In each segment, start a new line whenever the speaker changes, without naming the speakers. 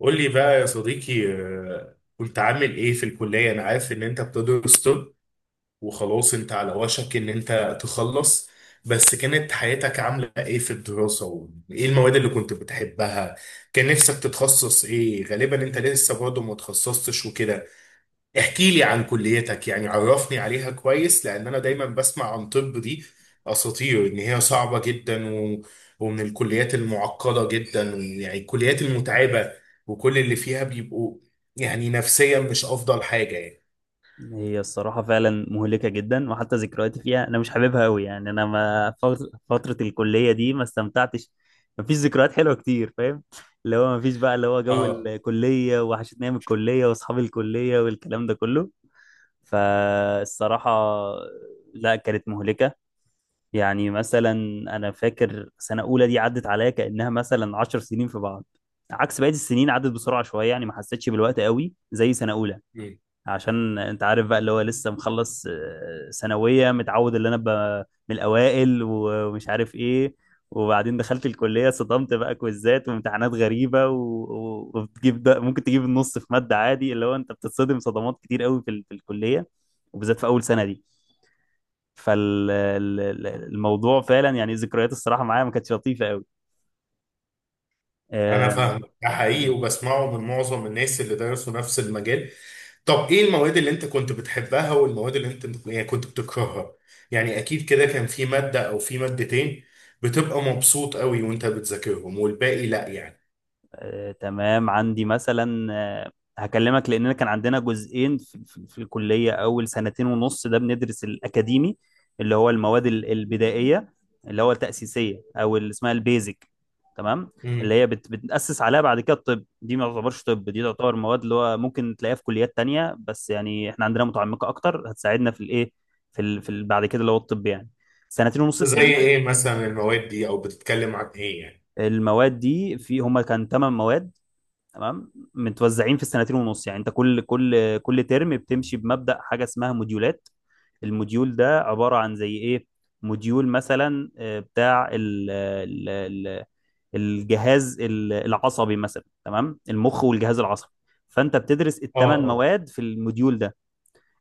قول لي بقى يا صديقي، كنت عامل ايه في الكلية؟ انا عارف ان انت بتدرس طب وخلاص انت على وشك ان انت تخلص، بس كانت حياتك عاملة ايه في الدراسة؟ وايه المواد اللي كنت بتحبها؟ كان نفسك تتخصص ايه؟ غالبا انت لسه برضه ما تخصصتش وكده. احكي لي عن كليتك، يعني عرفني عليها كويس، لان انا دايما بسمع عن طب دي اساطير ان هي صعبة جدا ومن الكليات المعقدة جدا، يعني الكليات المتعبة، وكل اللي فيها بيبقوا يعني نفسيا مش افضل حاجة يعني.
هي الصراحة فعلا مهلكة جدا، وحتى ذكرياتي فيها أنا مش حاببها أوي. يعني أنا ما فر- فترة الكلية دي ما استمتعتش. مفيش ذكريات حلوة كتير، فاهم؟ اللي هو مفيش بقى، اللي هو جو
اه.
الكلية وحشتني، أيام الكلية وأصحاب الكلية والكلام ده كله. فالصراحة لا، كانت مهلكة. يعني مثلا أنا فاكر سنة أولى دي عدت عليا كأنها مثلا 10 سنين في بعض، عكس بقية السنين عدت بسرعة شوية. يعني ما حسيتش بالوقت قوي زي سنة أولى.
مم.
عشان انت عارف بقى، اللي هو لسه مخلص ثانوية، متعود اللي انا ابقى من الاوائل و- ومش عارف ايه. وبعدين دخلت الكلية، صدمت بقى، كويزات وامتحانات غريبة و- و- وبتجيب ده، ممكن تجيب النص في مادة عادي. اللي هو انت بتتصدم صدمات كتير قوي في الكلية، وبالذات في اول سنة دي. فالموضوع فعلا، يعني ذكريات الصراحة معايا ما كانتش لطيفة
انا
قوي.
فاهم، ده حقيقي، وبسمعه من معظم الناس اللي درسوا نفس المجال. طب ايه المواد اللي انت كنت بتحبها والمواد اللي انت يعني كنت بتكرهها؟ يعني اكيد كده كان في مادة او في مادتين بتبقى مبسوط قوي وانت بتذاكرهم والباقي لا يعني.
تمام. عندي مثلا هكلمك، لأننا كان عندنا جزئين في الكلية. أول سنتين ونص ده بندرس الأكاديمي، اللي هو المواد البدائية، اللي هو التأسيسية، أو اللي اسمها البيزك، تمام. اللي
امم.
هي بتأسس عليها بعد كده الطب. دي ما تعتبرش طب، دي تعتبر مواد اللي هو ممكن تلاقيها في كليات تانية، بس يعني احنا عندنا متعمقة أكتر، هتساعدنا في الإيه، في بعد كده اللي هو الطب يعني، سنتين ونص
زي
التانيين.
ايه مثلا المواد دي او بتتكلم عن ايه يعني؟
المواد دي هما كان تمن مواد، تمام، متوزعين في السنتين ونص. يعني انت كل ترم بتمشي بمبدأ حاجة اسمها موديولات. الموديول ده عبارة عن زي ايه؟ موديول مثلا بتاع ال الجهاز العصبي مثلا، تمام، المخ والجهاز العصبي. فانت بتدرس
اه،
الثمان
اه،
مواد في الموديول ده.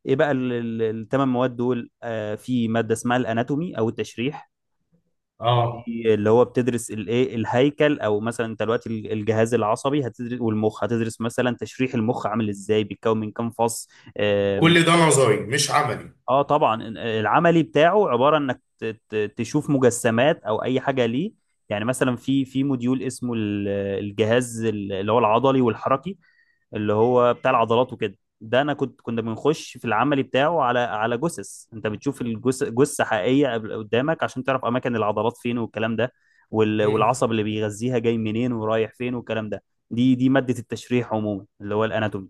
ايه بقى الثمان مواد دول؟ في مادة اسمها الاناتومي او التشريح.
اه.
دي اللي هو بتدرس الايه، الهيكل، او مثلا انت دلوقتي الجهاز العصبي هتدرس، والمخ هتدرس، مثلا تشريح المخ عامل ازاي، بيتكون من كام فص.
كل ده نظري مش عملي.
اه طبعا. العملي بتاعه عباره انك تشوف مجسمات او اي حاجه ليه. يعني مثلا في موديول اسمه الجهاز اللي هو العضلي والحركي، اللي هو بتاع العضلات وكده. ده انا كنا بنخش في العملي بتاعه على جثث. انت بتشوف جثه حقيقيه قدامك، عشان تعرف اماكن العضلات فين والكلام ده، وال-
امم.
والعصب اللي بيغذيها جاي منين ورايح فين والكلام ده. دي ماده التشريح عموما، اللي هو الاناتومي.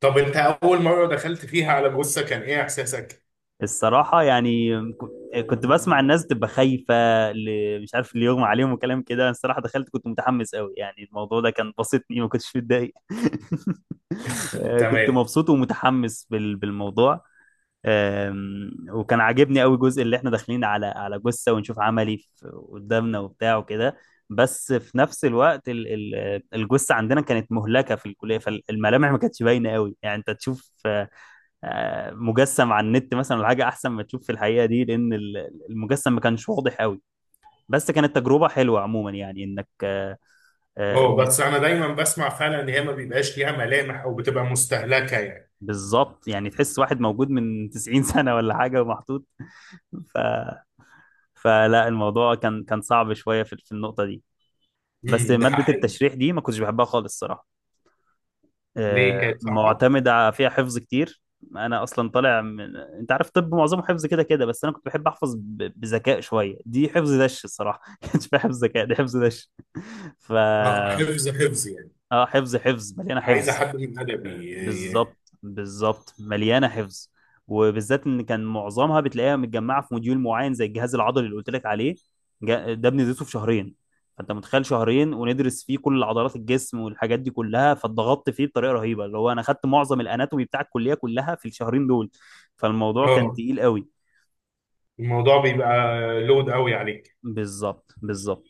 طب انت اول مرة دخلت فيها على جثة كان ايه احساسك؟
الصراحة يعني كنت بسمع الناس تبقى خايفة، مش عارف اللي يغمى عليهم وكلام كده. أنا الصراحة دخلت كنت متحمس قوي، يعني الموضوع ده كان بسطني، ما كنتش متضايق. كنت
تمام.
مبسوط ومتحمس بالموضوع. وكان عاجبني قوي جزء اللي احنا داخلين على جثة ونشوف عملي قدامنا وبتاع وكده. بس في نفس الوقت الجثة عندنا كانت مهلكة في الكلية، فالملامح ما كانتش باينة قوي. يعني انت تشوف مجسم على النت مثلا ولا حاجه، احسن ما تشوف في الحقيقه دي، لان المجسم ما كانش واضح قوي. بس كانت تجربه حلوه عموما، يعني انك آه،
اه،
من-
بس انا دايما بسمع فعلا ان هي ما بيبقاش ليها ملامح او بتبقى مستهلكة يعني.
بالظبط. يعني تحس واحد موجود من 90 سنه ولا حاجه ومحطوط. ف فلا الموضوع كان صعب شويه في النقطه دي. بس
امم، ده
ماده
حقيقي.
التشريح دي ما كنتش بحبها خالص الصراحه.
ليه كانت صعبة؟
معتمدة فيها حفظ كتير. أنا أصلا طالع من، أنت عارف، طب معظمه حفظ كده كده، بس أنا كنت بحب أحفظ بذكاء شوية. دي حفظ دش الصراحة، ما كانش فيها حفظ ذكاء، دي حفظ دش. ف،
اه، حفظ حفظ يعني.
آه، حفظ حفظ، مليانة
عايزه
حفظ.
حد من ادبي
بالظبط بالظبط، مليانه حفظ. وبالذات ان كان معظمها بتلاقيها متجمعه في موديول معين، زي الجهاز العضلي اللي قلت لك عليه. ده بندرسه في شهرين. فانت متخيل، شهرين وندرس فيه كل عضلات الجسم والحاجات دي كلها، فاتضغطت فيه بطريقه رهيبه، اللي هو انا خدت معظم الاناتومي بتاع الكليه كلها في الشهرين دول. فالموضوع كان
اه،
تقيل قوي.
الموضوع بيبقى لود قوي عليك.
بالظبط بالظبط.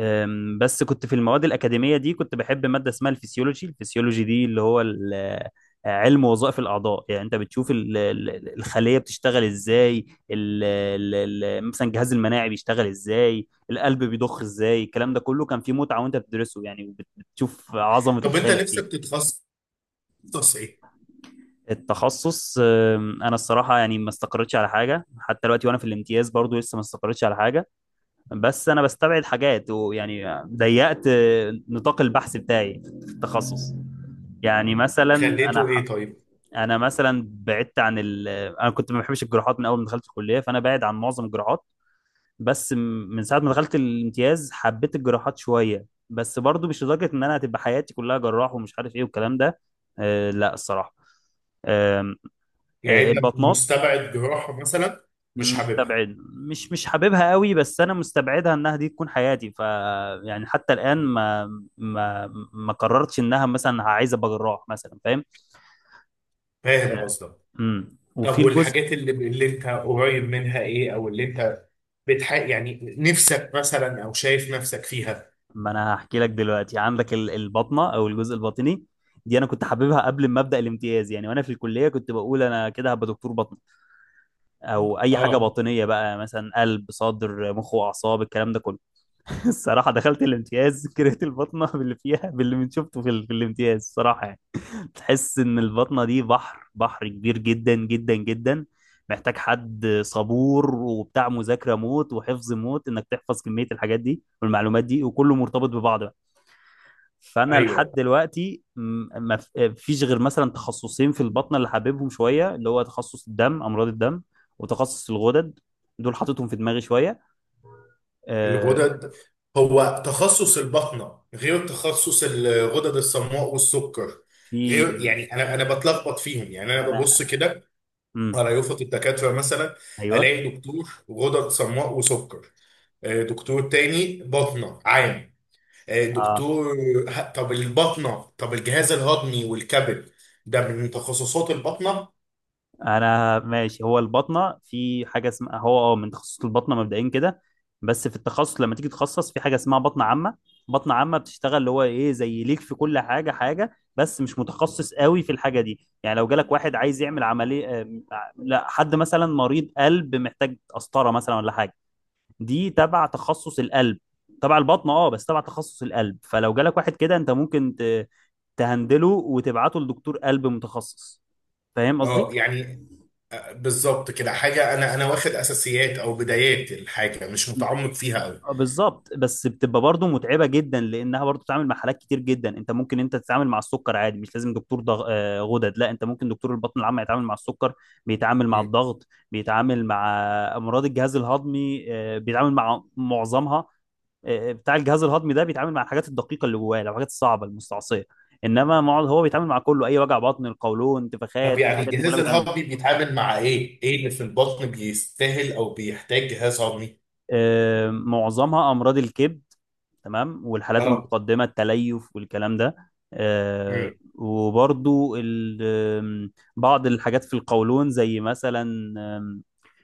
بس كنت في المواد الأكاديمية دي كنت بحب مادة اسمها الفسيولوجي. الفسيولوجي دي اللي هو علم وظائف الأعضاء. يعني أنت بتشوف الخلية بتشتغل إزاي، ال- مثلا الجهاز المناعي بيشتغل إزاي، القلب بيضخ إزاي، الكلام ده كله كان فيه متعة وأنت بتدرسه يعني، وبت- بتشوف عظمة
طب انت
الخالق دي.
نفسك تتخصص ايه؟
التخصص، أنا الصراحة يعني ما استقرتش على حاجة حتى دلوقتي، وأنا في الامتياز برضو لسه ما استقرتش على حاجة. بس انا بستبعد حاجات، ويعني ضيقت نطاق البحث بتاعي في التخصص. يعني مثلا انا
خليته ايه
ح...
طيب؟
انا مثلا بعدت عن انا كنت ما بحبش الجراحات من اول ما دخلت الكليه، فانا بعد عن معظم الجراحات. بس م- من ساعه ما دخلت الامتياز حبيت الجراحات شويه، بس برضو مش لدرجه ان انا هتبقى حياتي كلها جراح ومش عارف ايه والكلام ده. أه لا الصراحه. أم،
يعني
أه،
انت
البطنات،
مستبعد جراحه مثلا؟ مش حاببها؟
مستبعد. مش مش حاببها قوي، بس انا مستبعدها انها دي تكون حياتي. ف، يعني حتى الان،
مم.
ما ما قررتش انها مثلا عايزه ابقى جراح مثلا، فاهم؟
فاهم
آه،
قصدك. طب
وفي الجزء،
والحاجات اللي انت قريب منها ايه، او اللي انت يعني نفسك مثلا او شايف نفسك فيها؟
ما انا هحكي لك دلوقتي. عندك البطنه او الجزء الباطني، دي انا كنت حاببها قبل ما ابدا الامتياز. يعني وانا في الكليه كنت بقول انا كده هبقى دكتور بطن، او اي حاجه
اه،
باطنيه بقى، مثلا قلب، صدر، مخ واعصاب، الكلام ده كله. الصراحه دخلت الامتياز كرهت البطنه باللي فيها، باللي من شفته في الامتياز الصراحه يعني. تحس ان البطنة دي بحر، بحر كبير جدا جدا جدا، محتاج حد صبور وبتاع مذاكرة موت وحفظ موت، انك تحفظ كمية الحاجات دي والمعلومات دي، وكله مرتبط ببعض بقى. فانا
ايوه.
لحد دلوقتي م- ما ف- فيش غير مثلا تخصصين في البطنة اللي حاببهم شوية، اللي هو تخصص الدم، امراض الدم، وتخصص الغدد. دول حاططهم في دماغي شوية. آه،
الغدد. هو تخصص البطنة غير تخصص الغدد الصماء والسكر؟ غير
في
يعني، انا بتلخبط فيهم، يعني
ما
انا
انا
ببص كده
امم
على يافطة الدكاترة مثلا،
ايوه
الاقي دكتور غدد صماء وسكر، آه، دكتور تاني بطنة عام،
اه
دكتور طب البطنة، طب الجهاز الهضمي والكبد، ده من تخصصات البطنة.
انا ماشي. هو البطنه في حاجه اسمها، هو اه، من تخصص البطنه مبدئيا كده، بس في التخصص لما تيجي تتخصص في حاجه اسمها بطنه عامه. بطنه عامه بتشتغل اللي هو ايه، زي ليك في كل حاجه حاجه، بس مش متخصص قوي في الحاجه دي. يعني لو جالك واحد عايز يعمل عمليه، لا، حد مثلا مريض قلب محتاج قسطره مثلا ولا حاجه، دي تبع تخصص القلب، تبع البطنه اه بس تبع تخصص القلب. فلو جالك واحد كده، انت ممكن تهندله وتبعته لدكتور قلب متخصص، فاهم قصدي.
اه يعني. بالظبط كده، حاجة انا واخد اساسيات او بدايات الحاجة، مش متعمق فيها قوي.
بالظبط، بس بتبقى برضه متعبه جدا، لانها برضه بتتعامل مع حالات كتير جدا. انت ممكن انت تتعامل مع السكر عادي، مش لازم دكتور ضغ... آه، غدد، لا انت ممكن دكتور البطن العام يتعامل مع السكر، بيتعامل مع الضغط، بيتعامل مع امراض الجهاز الهضمي. بيتعامل مع معظمها. بتاع الجهاز الهضمي ده بيتعامل مع الحاجات الدقيقه اللي جواه، الحاجات الصعبه المستعصيه. انما هو بيتعامل مع كله، اي وجع بطن، القولون،
طب
انتفاخات،
يعني
الحاجات دي كلها
جهاز
بيتعامل.
الهضمي بيتعامل مع ايه؟ ايه اللي في البطن بيستاهل او بيحتاج جهاز هضمي؟
معظمها امراض الكبد، تمام، والحالات
اه.
المتقدمه، التليف والكلام ده.
امم.
آه، وبرضو ال- آم، بعض الحاجات في القولون زي مثلا، آم،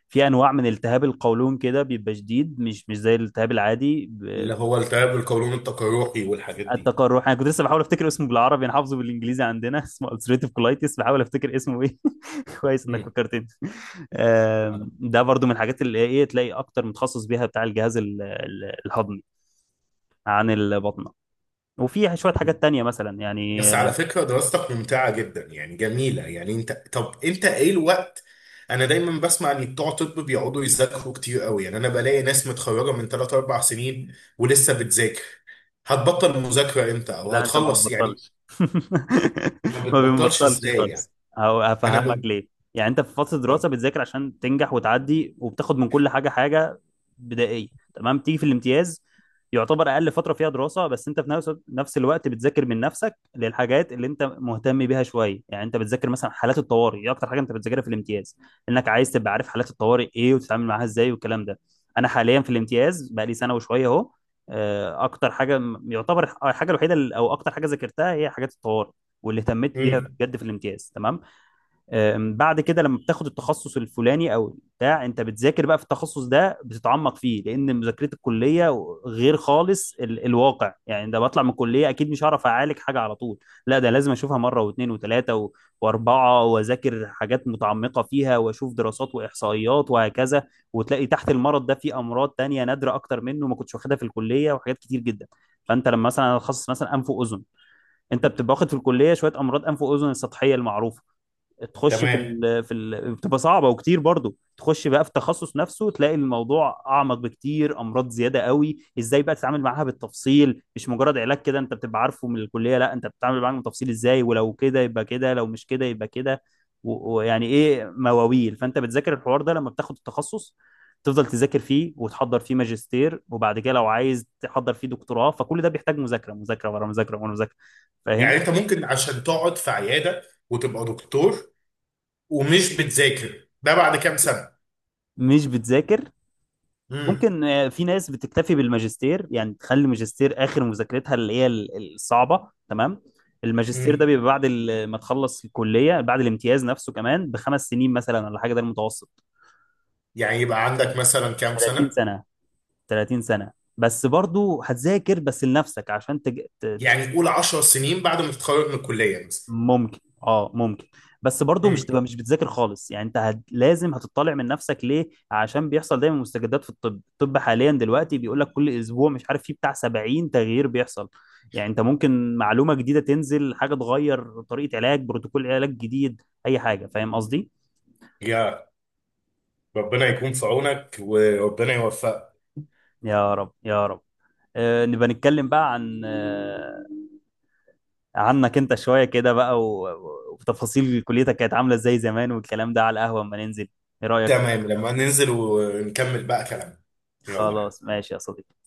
في انواع من التهاب القولون كده بيبقى شديد، مش مش زي الالتهاب العادي.
اللي هو التهاب القولون التقرحي والحاجات دي.
التقرح انا كنت لسه بحاول افتكر اسمه بالعربي، انا حافظه بالانجليزي عندنا. اسمه ulcerative colitis، بحاول افتكر اسمه ايه. كويس انك
امم.
فكرتني.
اه.
ده برضو من الحاجات اللي ايه، تلاقي اكتر متخصص بيها بتاع الجهاز الهضمي عن البطنة. وفي شوية حاجات
امم.
تانية مثلا يعني.
بس على فكرة دراستك ممتعة جدا، يعني جميلة، يعني انت طب، انت ايه الوقت؟ انا دايما بسمع ان بتوع طب بيقعدوا يذاكروا كتير قوي، يعني انا بلاقي ناس متخرجة من 3 4 سنين ولسه بتذاكر. هتبطل مذاكرة امتى او
لا انت ما
هتخلص يعني؟
بتبطلش.
ما
ما
بتبطلش
بنبطلش
ازاي يعني؟
خالص، هو
انا
هفهمك
ب...
ليه. يعني انت في فتره
آه.
دراسه بتذاكر عشان تنجح وتعدي، وبتاخد من كل حاجه حاجه بدائيه، تمام. تيجي في الامتياز، يعتبر اقل فتره فيها دراسه، بس انت في نفس الوقت بتذاكر من نفسك للحاجات اللي انت مهتم بيها شويه. يعني انت بتذاكر مثلا حالات الطوارئ، دي اكتر حاجه انت بتذاكرها في الامتياز، انك عايز تبقى عارف حالات الطوارئ ايه وتتعامل معاها ازاي والكلام ده. انا حاليا في الامتياز بقى لي سنه وشويه اهو. اكتر حاجه يعتبر الحاجه الوحيده او اكتر حاجه ذاكرتها هي حاجات الطوارئ، واللي اهتميت بيها
امم.
بجد في الامتياز، تمام. بعد كده لما بتاخد التخصص الفلاني او بتاع، انت بتذاكر بقى في التخصص ده، بتتعمق فيه، لان مذاكره الكليه غير خالص الواقع. يعني ده بطلع من الكليه اكيد مش هعرف اعالج حاجه على طول، لا ده لازم اشوفها مره واثنين وثلاثه واربعه، واذاكر حاجات متعمقه فيها، واشوف دراسات واحصائيات وهكذا. وتلاقي تحت المرض ده في امراض تانية نادره اكتر منه ما كنتش واخدها في الكليه، وحاجات كتير جدا. فانت لما مثلا اتخصص مثلا انف واذن، انت بتبقى واخد في الكليه شويه امراض انف واذن السطحيه المعروفه. تخش في
تمام.
ال في ال بتبقى صعبه وكتير برضو. تخش بقى في التخصص نفسه، تلاقي الموضوع اعمق بكتير، امراض زياده قوي، ازاي بقى تتعامل معاها بالتفصيل، مش مجرد علاج كده انت بتبقى عارفه من الكليه، لا انت بتتعامل معاها بالتفصيل ازاي، ولو كده يبقى كده، لو مش كده يبقى كده. و- ويعني ايه مواويل، فانت بتذاكر الحوار ده لما بتاخد التخصص، تفضل تذاكر فيه وتحضر فيه ماجستير، وبعد كده لو عايز تحضر فيه دكتوراه، فكل ده بيحتاج مذاكره، مذاكره ورا مذاكره ورا مذاكره، فاهم؟
يعني انت ممكن عشان تقعد في عياده وتبقى دكتور ومش بتذاكر ده بعد كام سنه؟
مش بتذاكر.
امم،
ممكن، في ناس بتكتفي بالماجستير، يعني تخلي الماجستير اخر مذاكرتها، اللي هي الصعبه، تمام. الماجستير ده
امم.
بيبقى بعد ما تخلص الكليه، بعد الامتياز نفسه كمان بـ5 سنين مثلا ولا حاجه، ده المتوسط.
يعني يبقى عندك مثلا كام
30
سنه؟
سنه، 30 سنه. بس برضو هتذاكر بس لنفسك عشان
يعني قول 10 سنين بعد ما تتخرج من الكليه مثلا.
ممكن اه ممكن. بس برضو مش
امم.
تبقى مش بتذاكر خالص. يعني انت لازم هتطلع من نفسك ليه، عشان بيحصل دايما مستجدات في الطب. الطب حاليا دلوقتي بيقول لك كل اسبوع مش عارف فيه بتاع 70 تغيير بيحصل. يعني انت ممكن معلومة جديدة تنزل، حاجة تغير طريقة علاج، بروتوكول علاج جديد، اي حاجة، فاهم قصدي.
يا ربنا يكون في عونك وربنا يوفقك.
يا رب يا رب. آه نبقى نتكلم بقى عن عنك انت شوية كده بقى، وتفاصيل كليتك كانت عاملة ازاي زمان والكلام ده، على القهوة اما ننزل، ايه رأيك؟
تمام، لما ننزل ونكمل بقى كلامنا. يلا.
خلاص ماشي يا صديقي.